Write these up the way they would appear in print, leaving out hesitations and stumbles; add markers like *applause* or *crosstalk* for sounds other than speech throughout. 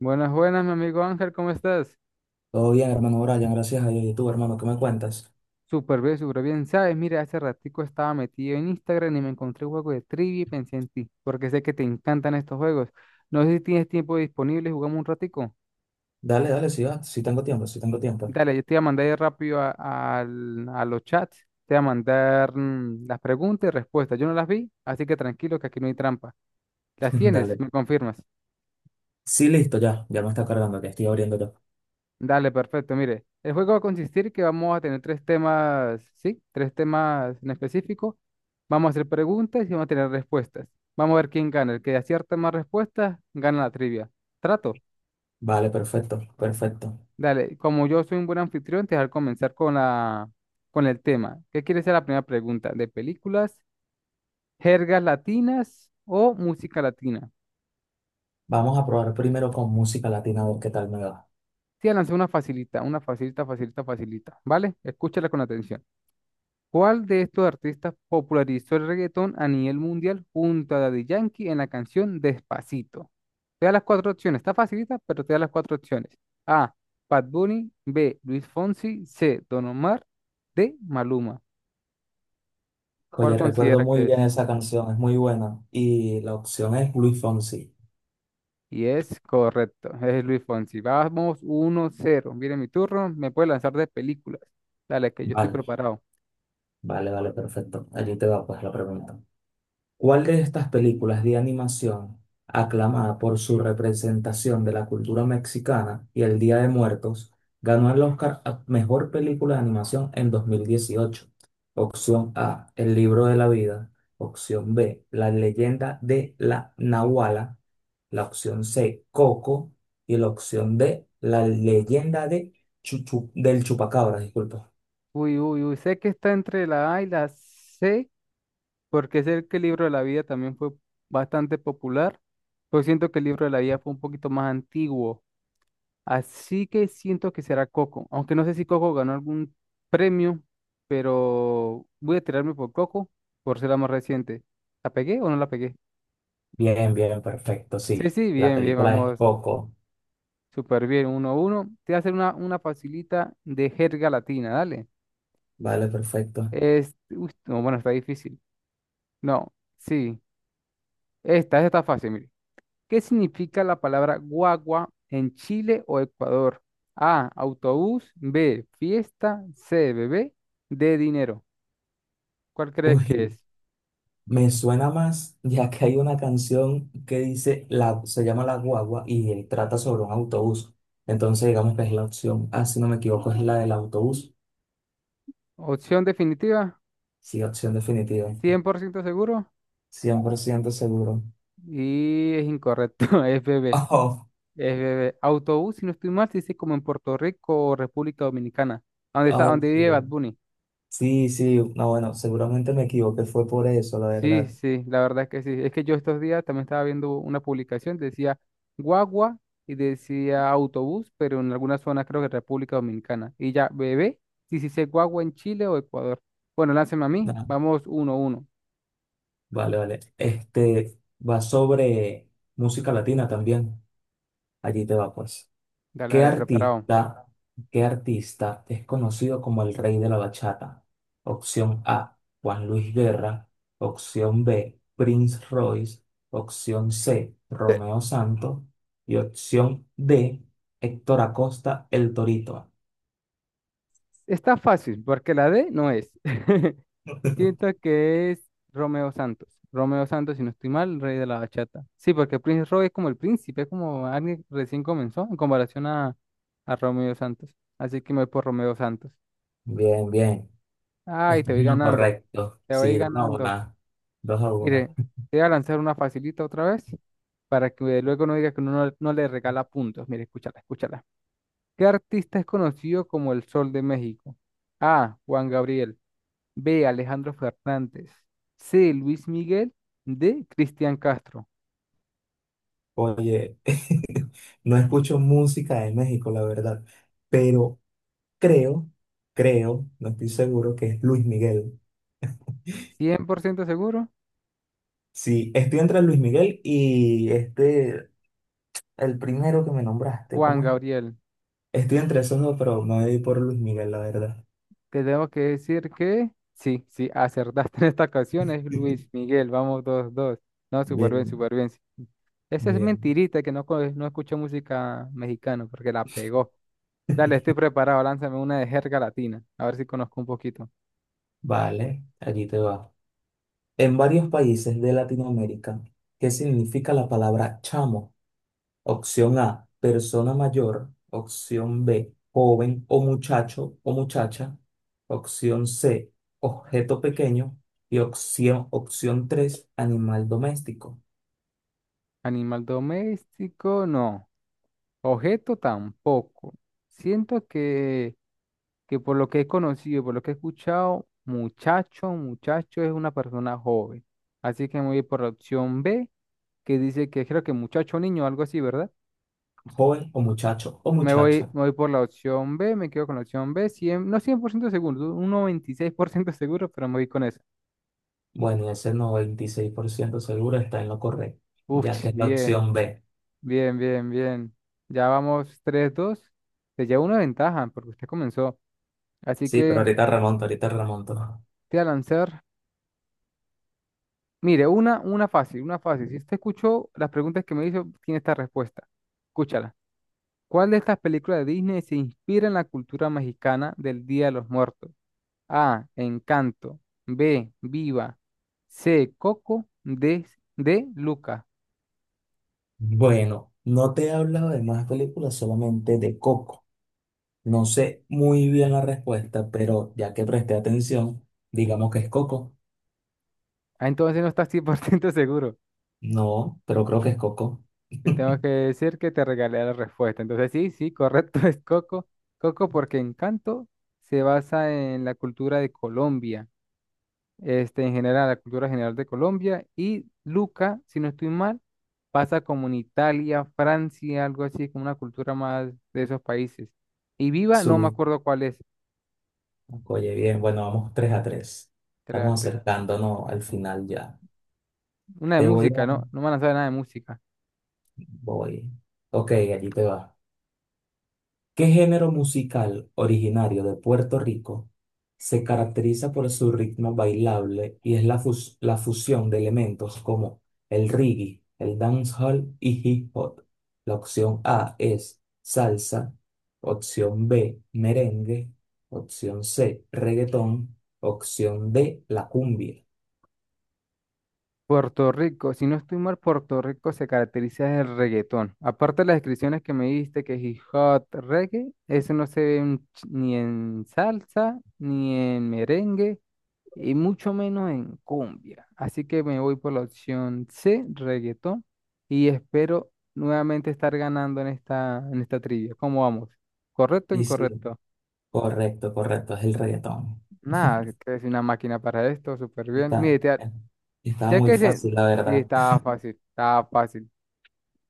Buenas, buenas, mi amigo Ángel, ¿cómo estás? Todo bien, hermano Brian, gracias a Dios. ¿Y tú, hermano, qué me cuentas? Súper bien, súper bien. Sabes, mira, hace ratico estaba metido en Instagram y me encontré un juego de trivia y pensé en ti, porque sé que te encantan estos juegos. No sé si tienes tiempo disponible, jugamos un ratico. Dale, dale, sí, va, sí tengo tiempo, sí tengo tiempo. Dale, yo te voy a mandar ahí rápido a, a los chats, te voy a mandar las preguntas y respuestas. Yo no las vi, así que tranquilo que aquí no hay trampa. ¿Las *laughs* tienes? Dale. ¿Me confirmas? Sí, listo, ya, ya me está cargando, que estoy abriendo yo. Dale, perfecto. Mire, el juego va a consistir que vamos a tener tres temas, sí, tres temas en específico. Vamos a hacer preguntas y vamos a tener respuestas. Vamos a ver quién gana. El que acierta más respuestas, gana la trivia. Trato. Vale, perfecto, perfecto. Dale, como yo soy un buen anfitrión, te voy a comenzar con la, con el tema. ¿Qué quiere ser la primera pregunta? ¿De películas, jergas latinas o música latina? Vamos a probar primero con música latina, a ver qué tal me va. Te voy a lanzar una facilita, facilita, facilita. ¿Vale? Escúchala con atención. ¿Cuál de estos artistas popularizó el reggaetón a nivel mundial junto a Daddy Yankee en la canción Despacito? Te da las cuatro opciones, está facilita, pero te da las cuatro opciones. A. Bad Bunny, B. Luis Fonsi, C. Don Omar, D. Maluma. ¿Cuál Oye, recuerdo consideras que muy bien es? esa canción, es muy buena. Y la opción es Luis Fonsi. Y es correcto, es Luis Fonsi. Vamos 1-0. Viene mi turno, me puede lanzar de películas. Dale, que yo estoy Vale, preparado. vale, vale, perfecto. Allí te va, pues, la pregunta. ¿Cuál de estas películas de animación, aclamada por su representación de la cultura mexicana y el Día de Muertos, ganó el Oscar a Mejor Película de Animación en 2018? Opción A, El libro de la vida. Opción B, La leyenda de la Nahuala. La opción C, Coco. Y la opción D, La leyenda de del Chupacabra, disculpa. Uy, uy, uy, sé que está entre la A y la C, porque sé que el libro de la vida también fue bastante popular, pero siento que el libro de la vida fue un poquito más antiguo, así que siento que será Coco, aunque no sé si Coco ganó algún premio, pero voy a tirarme por Coco por ser la más reciente. ¿La pegué o no la pegué? Bien, bien, perfecto, Sí, sí. sí, La bien, bien, película es vamos, Coco. súper bien, uno a uno. Te voy a hacer una facilita de jerga latina, dale. Vale, perfecto. Es, uy, no, bueno, está difícil. No, sí, esta está fácil, mire. ¿Qué significa la palabra guagua en Chile o Ecuador? A, autobús, B, fiesta, C, bebé, D, dinero. ¿Cuál crees que Uy. es? Me suena más, ya que hay una canción que dice, la, se llama La Guagua y él trata sobre un autobús. Entonces, digamos que es la opción, ah, si no me equivoco, es la del autobús. Opción definitiva, Sí, opción definitiva. 100% seguro Cien por ciento seguro. y es incorrecto, *laughs* es bebé, *laughs* Oh, es bebé. Autobús, si no estoy mal, se dice como en Puerto Rico o República Dominicana, donde está, oh, donde vive Bad sí. Bunny. Sí, sí, no, bueno, seguramente me equivoqué, fue por eso, la Sí, verdad. sí, la verdad es que sí. Es que yo estos días también estaba viendo una publicación, decía guagua y decía autobús, pero en algunas zonas creo que República Dominicana. Y ya, bebé, si se dice guagua en Chile o Ecuador. Bueno, lánceme a mí. No, Vamos uno a uno. vale, vale. Este va sobre música latina también. Allí te va, pues. Dale, ¿Qué dale, preparado. artista, qué artista es conocido como el rey de la bachata? Opción A, Juan Luis Guerra. Opción B, Prince Royce. Opción C, Romeo Santos. Y opción D, Héctor Acosta, El Torito. Está fácil, porque la D no es. *laughs* Siento *laughs* que es Romeo Santos. Romeo Santos, si no estoy mal, rey de la bachata. Sí, porque Prince Roy es como el príncipe, es como alguien que recién comenzó en comparación a Romeo Santos. Así que me voy por Romeo Santos. Bien, bien. Ay, te Esto es voy lo ganando, correcto. te voy Sí, dos a ganando. una. Dos a Mire, una. te voy a lanzar una facilita otra vez para que luego no diga que uno no, no le regala puntos. Mire, escúchala, escúchala. ¿Qué artista es conocido como el Sol de México? A. Juan Gabriel. B. Alejandro Fernández. C. Luis Miguel. D. Cristian Castro. Oye, *laughs* no escucho música de México, la verdad, pero creo, creo, no estoy seguro que es Luis Miguel. Cien por ciento seguro. Sí, estoy entre Luis Miguel y este, el primero que me nombraste, Juan ¿cómo es? Gabriel. Estoy entre esos dos, pero me voy por Luis Miguel, la verdad. Te tengo que decir que sí, sí, acertaste *laughs* en esta ocasión. Es Luis *laughs* Miguel. Vamos, dos, dos. No, súper bien, Bien, súper bien. Esa es bien. mentirita que no, no escucha música mexicana porque la pegó. Dale, estoy preparado. Lánzame una de jerga latina. A ver si conozco un poquito. Vale, allí te va. En varios países de Latinoamérica, ¿qué significa la palabra chamo? Opción A, persona mayor. Opción B, joven o muchacho o muchacha. Opción C, objeto pequeño. Y opción 3, animal doméstico. Animal doméstico, no. Objeto tampoco. Siento que por lo que he conocido, por lo que he escuchado, muchacho es una persona joven. Así que me voy por la opción B, que dice que creo que muchacho, niño, algo así, ¿verdad? Joven o muchacho o muchacha. Me voy por la opción B, me quedo con la opción B, 100 no 100% seguro, un 96% *laughs* seguro, pero me voy con esa. Bueno, y ese 96% seguro está en lo correcto, Uf, ya *laughs* que es la bien, opción B. bien, bien, bien. Ya vamos tres dos. Se lleva una ventaja porque usted comenzó. Así Sí, pero que ahorita remonto, ahorita remonto. te voy a lanzar. Mire, una fácil, una fácil. Si usted escuchó las preguntas que me hizo, tiene esta respuesta. Escúchala. ¿Cuál de estas películas de Disney se inspira en la cultura mexicana del Día de los Muertos? A. Encanto. B. Viva. C. Coco. D. Luca. Bueno, no te he hablado de más películas, solamente de Coco. No sé muy bien la respuesta, pero ya que presté atención, digamos que es Coco. Ah, entonces no estás 100% seguro. No, pero creo que es Coco. Te tengo que *laughs* decir que te regalé la respuesta. Entonces sí, sí, correcto, *laughs* es Coco. Coco porque Encanto se basa en la cultura de Colombia. Este, en general, la cultura general de Colombia, y Luca, si no estoy mal, pasa como en Italia, Francia, algo así, como una cultura más de esos países. Y Viva, no me Su. acuerdo cuál es, Oye, bien, bueno, vamos 3 a tres. tra- Estamos tra- acercándonos al final ya. una de Te voy a... música, ¿no? No me han lanzado nada de música. Voy. Ok, allí te va. ¿Qué género musical originario de Puerto Rico se caracteriza por su ritmo bailable y es la fusión de elementos como el reggae, el dancehall y hip hop? La opción A es salsa, opción B merengue, opción C reggaetón, opción D la cumbia. Puerto Rico, si no estoy mal, Puerto Rico se caracteriza del reggaetón. Aparte de las descripciones que me diste, que es hip hop, reggae, eso no se ve en ni en salsa, ni en merengue, y mucho menos en cumbia. Así que me voy por la opción C, reggaetón, y espero nuevamente estar ganando en esta trivia. ¿Cómo vamos? ¿Correcto o Y sí, incorrecto? correcto, correcto, es el reggaetón. Nada, que es una máquina para esto, súper bien. Mire, Está, estaba ya muy que se... fácil, la Sí, verdad. estaba *laughs* fácil, estaba fácil.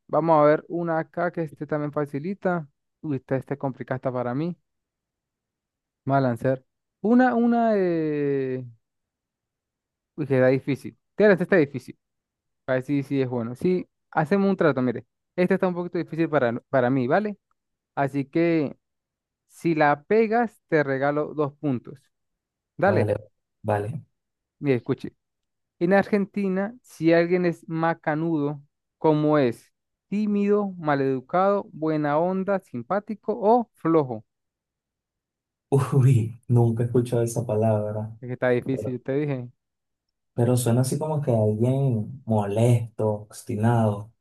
Vamos a ver una acá que este también facilita. Uy, esta es complicada esta para mí. Vamos a lanzar. Una, una de... Uy, que está difícil. Tírate, esta está difícil. Para sí, sí, es bueno. Sí, hacemos un trato, mire. Esta está un poquito difícil para, para mí, ¿vale? Así que si la pegas, te regalo dos puntos. Dale, Vale, vale. mire, escuche. En Argentina, si alguien es macanudo, ¿cómo es? Tímido, maleducado, buena onda, simpático o flojo. Uy, nunca he escuchado esa palabra, Es que está difícil, pero, yo te dije. pero suena así como que alguien molesto, obstinado.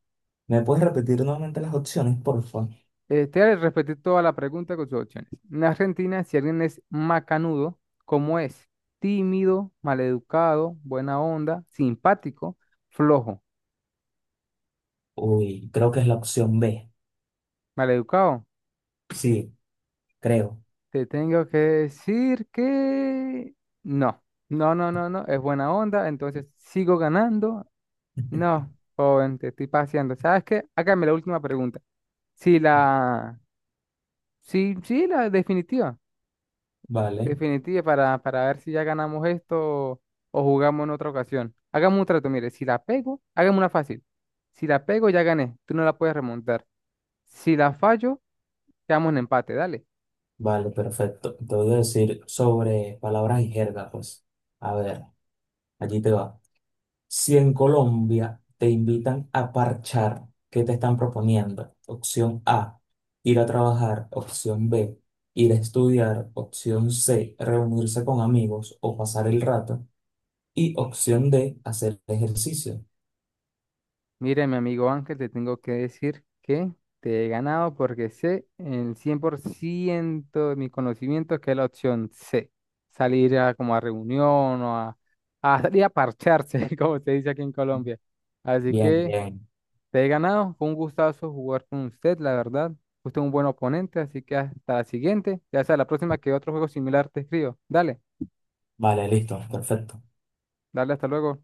¿Me puedes repetir nuevamente las opciones, por favor? Este, repetir toda la pregunta con sus opciones. En Argentina, si alguien es macanudo, ¿cómo es? Tímido, maleducado, buena onda, simpático, flojo, Uy, creo que es la opción B. maleducado. Sí, creo. Te tengo que decir que no, no, no, no, es buena onda, entonces sigo ganando. No, joven, te estoy paseando. ¿Sabes qué? Hágame la última pregunta. Si la, sí, sí, la definitiva. Vale, Definitiva para ver si ya ganamos esto o jugamos en otra ocasión. Hagamos un trato, mire, si la pego, hagamos una fácil. Si la pego, ya gané, tú no la puedes remontar. Si la fallo, quedamos en empate, dale. vale, perfecto. Te voy a decir sobre palabras y jerga, pues. A ver, allí te va. Si en Colombia te invitan a parchar, ¿qué te están proponiendo? Opción A, ir a trabajar. Opción B, ir a estudiar. Opción C, reunirse con amigos o pasar el rato. Y opción D, hacer ejercicio. Mire, mi amigo Ángel, te tengo que decir que te he ganado porque sé en el 100% de mis conocimientos que es la opción C. Salir a como a reunión o a salir a parcharse, *laughs* como se dice aquí en Colombia. Así Bien, que… bien. Te he ganado, fue un gustazo jugar con usted, la verdad. Usted es un buen oponente, así que hasta la siguiente. Ya sea la próxima que otro juego similar te escribo. Dale, Vale, listo, perfecto. dale, hasta luego.